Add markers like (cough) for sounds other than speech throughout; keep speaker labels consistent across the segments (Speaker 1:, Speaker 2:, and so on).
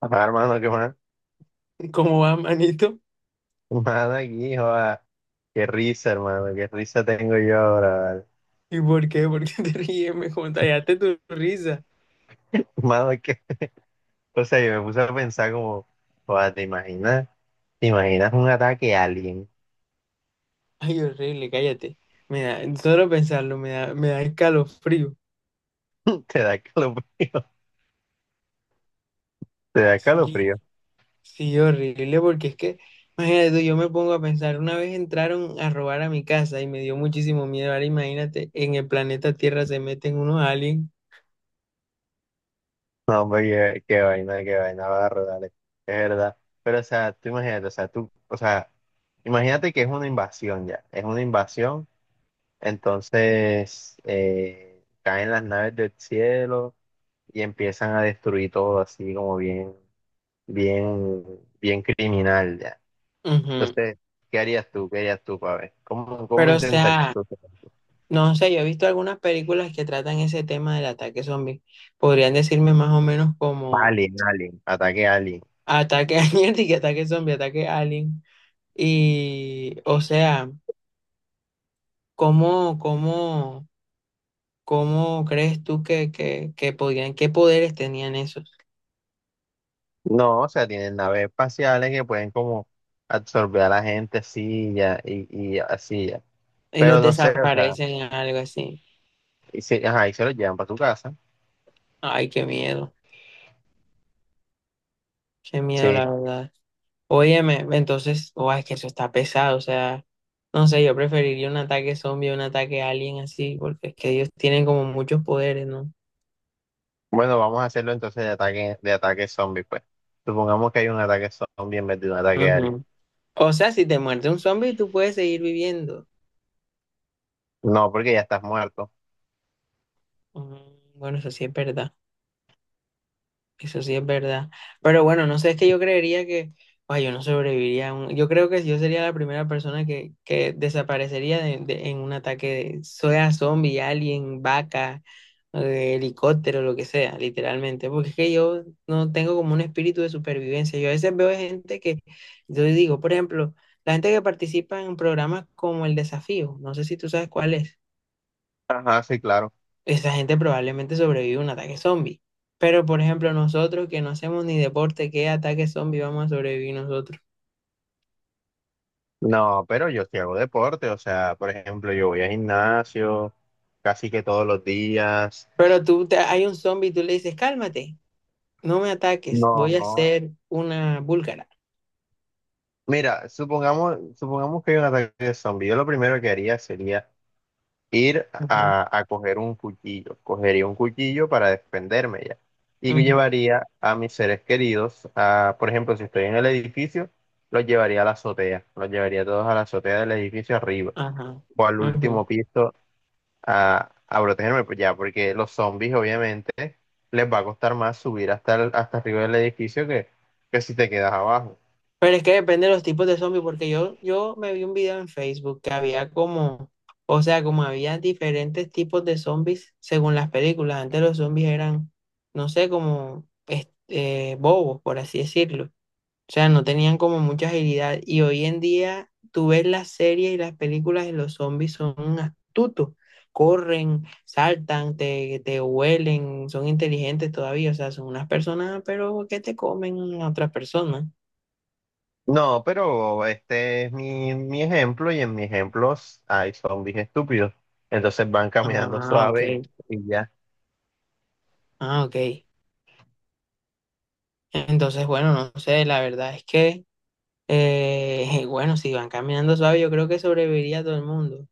Speaker 1: Papá, hermano, qué más.
Speaker 2: ¿Cómo va, manito?
Speaker 1: Mano aquí, joda. Qué risa, hermano. Qué risa tengo yo ahora, ¿vale?
Speaker 2: ¿Y por qué? ¿Por qué te ríes? Me contagiaste tu risa.
Speaker 1: (laughs) Mano, es que, o sea, yo me puse a pensar como, joda, ¿te imaginas? ¿Te imaginas un ataque alien?
Speaker 2: Ay, horrible, cállate. Me da, solo pensarlo, me da escalofrío.
Speaker 1: (laughs) Te da calofrío. Te da
Speaker 2: Sí,
Speaker 1: calofrío.
Speaker 2: sí, horrible, porque es que, imagínate tú, yo me pongo a pensar, una vez entraron a robar a mi casa y me dio muchísimo miedo. Ahora imagínate, en el planeta Tierra se meten unos aliens.
Speaker 1: No, hombre, qué vaina, qué vaina, barro, dale. Es verdad. Pero, o sea, tú imagínate, o sea, tú, o sea, imagínate que es una invasión ya. Es una invasión. Entonces, caen las naves del cielo y empiezan a destruir todo así como bien. Bien, bien criminal ya.
Speaker 2: Ujú.
Speaker 1: Entonces, ¿qué harías tú? ¿Qué harías tú, ver? ¿Cómo
Speaker 2: Pero, o
Speaker 1: intentarías
Speaker 2: sea,
Speaker 1: tú?
Speaker 2: no sé, yo he visto algunas películas que tratan ese tema del ataque zombie. Podrían decirme más o menos como
Speaker 1: Alien, alien, ataque alien.
Speaker 2: ataque (laughs) alienítica, ataque zombie, ataque alien. Y, o sea, ¿cómo, cómo, cómo crees tú que podían, qué poderes tenían esos?
Speaker 1: No, o sea, tienen naves espaciales que pueden como absorber a la gente así ya, y así ya.
Speaker 2: Y
Speaker 1: Pero
Speaker 2: los
Speaker 1: no sé, o sea,
Speaker 2: desaparecen, algo así.
Speaker 1: y se, ajá, y se los llevan para tu casa.
Speaker 2: Ay, qué miedo,
Speaker 1: Sí.
Speaker 2: la verdad. Óyeme, entonces, oh, es que eso está pesado, o sea, no sé, yo preferiría un ataque zombie a un ataque alien así, porque es que ellos tienen como muchos poderes, ¿no?
Speaker 1: Bueno, vamos a hacerlo entonces de ataque zombie, pues. Supongamos que hay un ataque zombie en vez de un ataque alien.
Speaker 2: Ujú. O sea, si te muerde un zombie, tú puedes seguir viviendo.
Speaker 1: No, porque ya estás muerto.
Speaker 2: Mm, bueno, eso sí es verdad. Eso sí es verdad. Pero bueno, no sé, es que yo creería que, ay, yo no sobreviviría a un- yo creo que yo sería la primera persona que desaparecería de- en un ataque de, sea zombie, alien, vaca, helicóptero, lo que sea, literalmente. Porque es que yo no tengo como un espíritu de supervivencia. Yo a veces veo gente que, yo digo, por ejemplo, la gente que participa en programas como El Desafío, no sé si tú sabes cuál es,
Speaker 1: Ajá, sí, claro.
Speaker 2: esa gente probablemente sobrevive a un ataque zombie. Pero, por ejemplo, nosotros que no hacemos ni deporte, ¿qué ataque zombie vamos a sobrevivir nosotros?
Speaker 1: No, pero yo sí hago deporte, o sea, por ejemplo, yo voy al gimnasio casi que todos los días.
Speaker 2: Pero tú, te- hay un zombie y tú le dices, cálmate, no me ataques,
Speaker 1: No,
Speaker 2: voy a
Speaker 1: no.
Speaker 2: ser una búlgara.
Speaker 1: Mira, supongamos, supongamos que hay un ataque de zombie. Yo lo primero que haría sería ir
Speaker 2: Ujú,
Speaker 1: a coger un cuchillo. Cogería un cuchillo para defenderme ya. Y
Speaker 2: ujú,
Speaker 1: llevaría a mis seres queridos a, por ejemplo, si estoy en el edificio, los llevaría a la azotea. Los llevaría todos a la azotea del edificio arriba
Speaker 2: ajá,
Speaker 1: o al
Speaker 2: ujú.
Speaker 1: último piso a protegerme, pues ya, porque los zombies obviamente les va a costar más subir hasta, el- hasta arriba del edificio que si te quedas abajo.
Speaker 2: Pero es que depende de los tipos de zombies, porque yo me vi un video en Facebook que había como, o sea, como había diferentes tipos de zombies según las películas. Antes los zombies eran, no sé, como este, bobos, por así decirlo. O sea, no tenían como mucha agilidad. Y hoy en día tú ves las series y las películas de los zombies son astutos. Corren, saltan, te huelen, son inteligentes todavía. O sea, son unas personas, pero que te comen a otras personas.
Speaker 1: No, pero este es mi, mi ejemplo y en mis ejemplos hay zombies estúpidos. Entonces van caminando
Speaker 2: Ah, ok.
Speaker 1: suave y ya.
Speaker 2: Ah, ok. Entonces, bueno, no sé, la verdad es que, (laughs) bueno, si van caminando suave, yo creo que sobreviviría todo el mundo.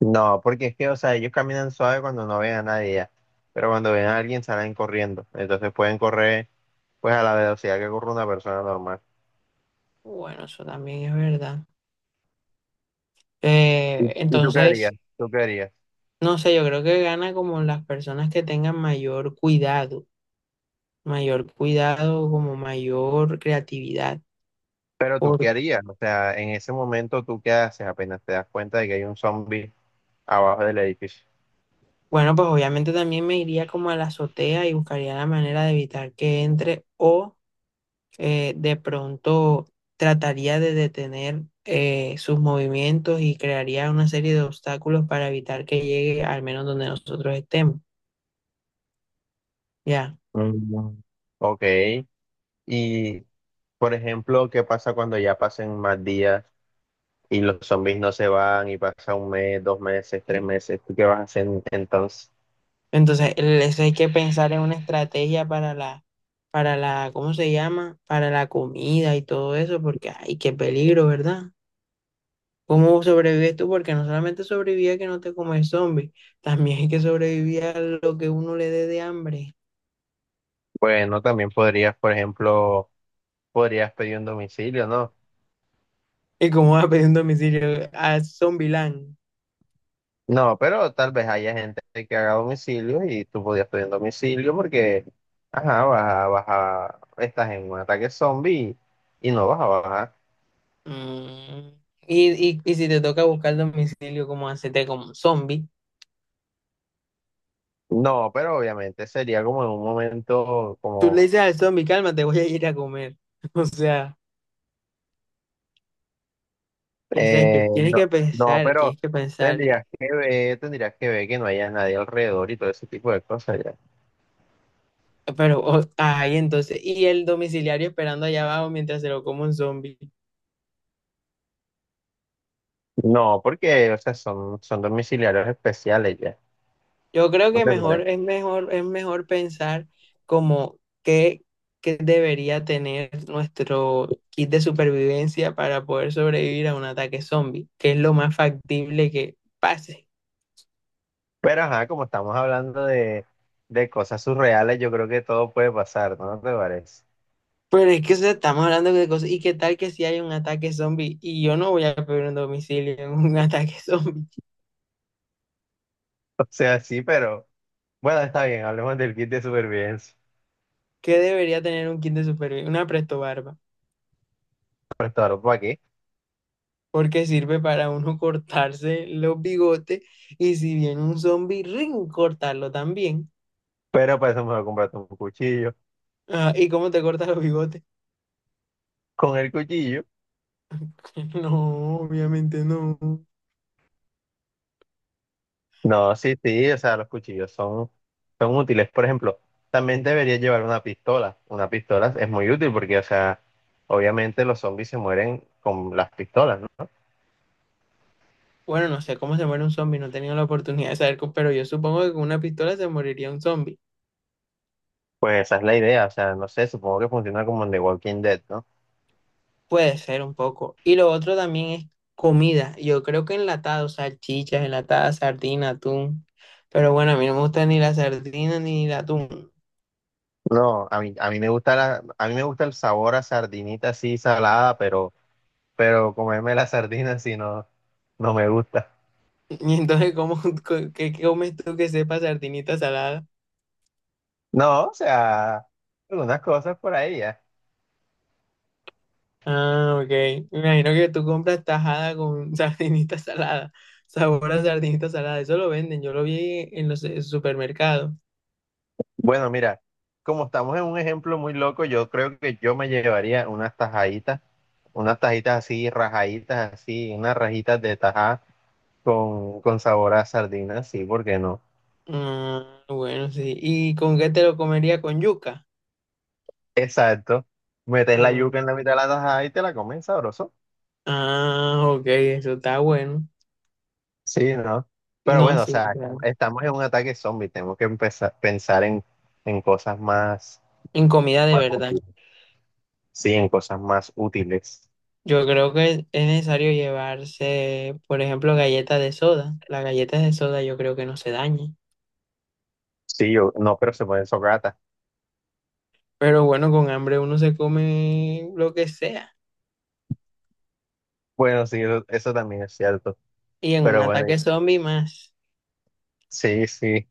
Speaker 1: No, porque es que, o sea, ellos caminan suave cuando no ven a nadie ya. Pero cuando ven a alguien salen corriendo. Entonces pueden correr pues a la velocidad que corre una persona normal.
Speaker 2: Bueno, eso también es verdad.
Speaker 1: ¿Y y tú qué harías?
Speaker 2: Entonces...
Speaker 1: ¿Tú qué harías?
Speaker 2: No sé, yo creo que gana como las personas que tengan mayor cuidado, como mayor creatividad.
Speaker 1: Pero tú qué
Speaker 2: Por,
Speaker 1: harías, o sea, en ese momento tú qué haces apenas te das cuenta de que hay un zombie abajo del edificio.
Speaker 2: bueno, pues obviamente también me iría como a la azotea y buscaría la manera de evitar que entre o de pronto trataría de detener sus movimientos y crearía una serie de obstáculos para evitar que llegue al menos donde nosotros estemos. Ya.
Speaker 1: Mm. Ok, y por ejemplo, ¿qué pasa cuando ya pasen más días y los zombies no se van y pasa un mes, dos meses, tres meses? ¿Tú qué vas a hacer entonces?
Speaker 2: Entonces, el- eso hay que pensar en una estrategia para la, ¿cómo se llama? Para la comida y todo eso, porque ay, qué peligro, ¿verdad? ¿Cómo sobrevives tú? Porque no solamente sobrevivía que no te comes zombie, también hay que sobrevivir a lo que uno le dé de hambre.
Speaker 1: Bueno, también podrías, por ejemplo, podrías pedir un domicilio, ¿no?
Speaker 2: ¿Y cómo vas a pedir un domicilio a Zombieland?
Speaker 1: No, pero tal vez haya gente que haga domicilio y tú podías pedir domicilio porque, ajá, vas a, vas a- estás en un ataque zombie y no vas a bajar.
Speaker 2: Mm. Y si te toca buscar domicilio, ¿cómo hacerte como un zombie?
Speaker 1: No, pero obviamente sería como en un momento
Speaker 2: Tú le
Speaker 1: como,
Speaker 2: dices al zombie, calma, te voy a ir a comer. (laughs) O sea. O sea, que tienes
Speaker 1: no,
Speaker 2: que
Speaker 1: no,
Speaker 2: pensar,
Speaker 1: pero
Speaker 2: tienes que pensar.
Speaker 1: tendrías que ver que no haya nadie alrededor y todo ese tipo de cosas ya.
Speaker 2: Pero, o- ay, entonces, y el domiciliario esperando allá abajo mientras se lo come un zombie.
Speaker 1: No, porque, o sea, son, son domiciliarios especiales ya.
Speaker 2: Yo creo que mejor, es mejor, es mejor pensar como qué, qué debería tener nuestro kit de supervivencia para poder sobrevivir a un ataque zombie, que es lo más factible que pase.
Speaker 1: Pero ajá, como estamos hablando de cosas surreales, yo creo que todo puede pasar, ¿no te parece?
Speaker 2: Pero es que o sea, estamos hablando de cosas, y qué tal que si hay un ataque zombie, y yo no voy a pedir un domicilio en un (laughs) ataque zombie.
Speaker 1: (laughs) O sea, sí, pero bueno, está bien, hablemos del kit de supervivencia.
Speaker 2: ¿Qué debería tener un kit de supervivencia? Una prestobarba,
Speaker 1: (laughs) Prestador por aquí,
Speaker 2: porque sirve para uno (laughs) cortarse los bigotes y si viene un zombie, ring, cortarlo también.
Speaker 1: pero para eso mejor comprarte un cuchillo.
Speaker 2: Ah, ¿y cómo te cortas los bigotes?
Speaker 1: Con el cuchillo,
Speaker 2: (laughs) No, obviamente no.
Speaker 1: no, sí, sí, o sea, los cuchillos son, son útiles. Por ejemplo, también deberías llevar una pistola. Una pistola es muy útil porque, o sea, obviamente los zombies se mueren con las pistolas, ¿no?
Speaker 2: Bueno, no sé cómo se muere un zombie, no he tenido la oportunidad de saber, co- pero yo supongo que con una pistola se moriría un zombie.
Speaker 1: Pues esa es la idea, o sea, no sé, supongo que funciona como en The Walking Dead, ¿no?
Speaker 2: Puede ser un poco. Y lo otro también es comida. Yo creo que enlatados, salchichas, enlatadas, sardina, atún. Pero bueno, a mí no me gusta ni la sardina ni el atún.
Speaker 1: No, a mí me gusta la, a mí me gusta el sabor a sardinita así salada, pero comerme la sardina así no, no me gusta.
Speaker 2: (laughs) Y entonces, ¿cómo, (laughs) co- qué comes tú que sepa sardinita salada?
Speaker 1: No, o sea, algunas cosas por ahí ya.
Speaker 2: Ah, ok. Me imagino que tú compras tajada con (laughs) sardinita salada. Sabor a sardinita salada. Eso lo venden. Yo lo vi en los supermercados.
Speaker 1: Bueno, mira, como estamos en un ejemplo muy loco, yo creo que yo me llevaría unas tajaditas, unas tajitas así, rajaditas así, unas rajitas de tajá con sabor a sardina, sí, ¿por qué no?
Speaker 2: Ah, bueno, sí. ¿Y con qué te lo comería? ¿Con yuca?
Speaker 1: Exacto. Metes la
Speaker 2: Ah,
Speaker 1: yuca en la mitad de la tajada y te la comes sabroso.
Speaker 2: ah, ok. Eso está bueno.
Speaker 1: Sí, ¿no? Pero
Speaker 2: No,
Speaker 1: bueno, o
Speaker 2: sí,
Speaker 1: sea,
Speaker 2: claro.
Speaker 1: estamos en un ataque zombie, tenemos que empezar pensar en cosas más,
Speaker 2: En comida de
Speaker 1: más
Speaker 2: verdad.
Speaker 1: útiles. Sí, en cosas más útiles.
Speaker 2: Yo creo que es necesario llevarse, por ejemplo, galletas de soda. Las galletas de soda yo creo que no se dañen.
Speaker 1: Sí, yo, no, pero se pueden socratas.
Speaker 2: Pero bueno, con hambre uno se come lo que sea.
Speaker 1: Bueno, sí, eso también es cierto.
Speaker 2: Y en un
Speaker 1: Pero bueno,
Speaker 2: ataque zombie más.
Speaker 1: sí, sí.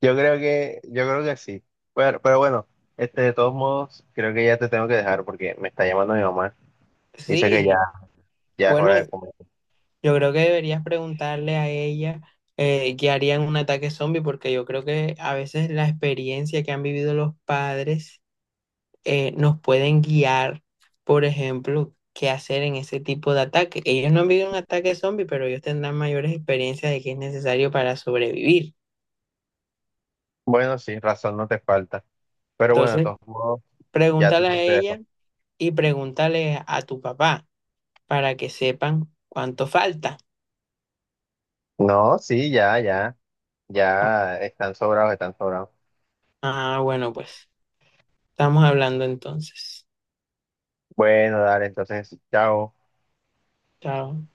Speaker 1: Yo creo que sí. Pero bueno, este, de todos modos, creo que ya te tengo que dejar porque me está llamando mi mamá. Dice que ya,
Speaker 2: Sí,
Speaker 1: ya es
Speaker 2: bueno,
Speaker 1: hora de comer.
Speaker 2: yo creo que deberías preguntarle a ella qué haría en un ataque zombie, porque yo creo que a veces la experiencia que han vivido los padres nos pueden guiar, por ejemplo, qué hacer en ese tipo de ataque. Ellos no han vivido un ataque zombie, pero ellos tendrán mayores experiencias de qué es necesario para sobrevivir.
Speaker 1: Bueno, sí, razón no te falta. Pero bueno, de
Speaker 2: Entonces,
Speaker 1: todos modos, ya te
Speaker 2: pregúntale a
Speaker 1: tengo que dejar.
Speaker 2: ella y pregúntale a tu papá, para que sepan cuánto falta.
Speaker 1: No, sí, ya, ya. Ya están sobrados, están sobrados.
Speaker 2: Ah, bueno, pues estamos hablando entonces.
Speaker 1: Bueno, dale, entonces, chao.
Speaker 2: Chao.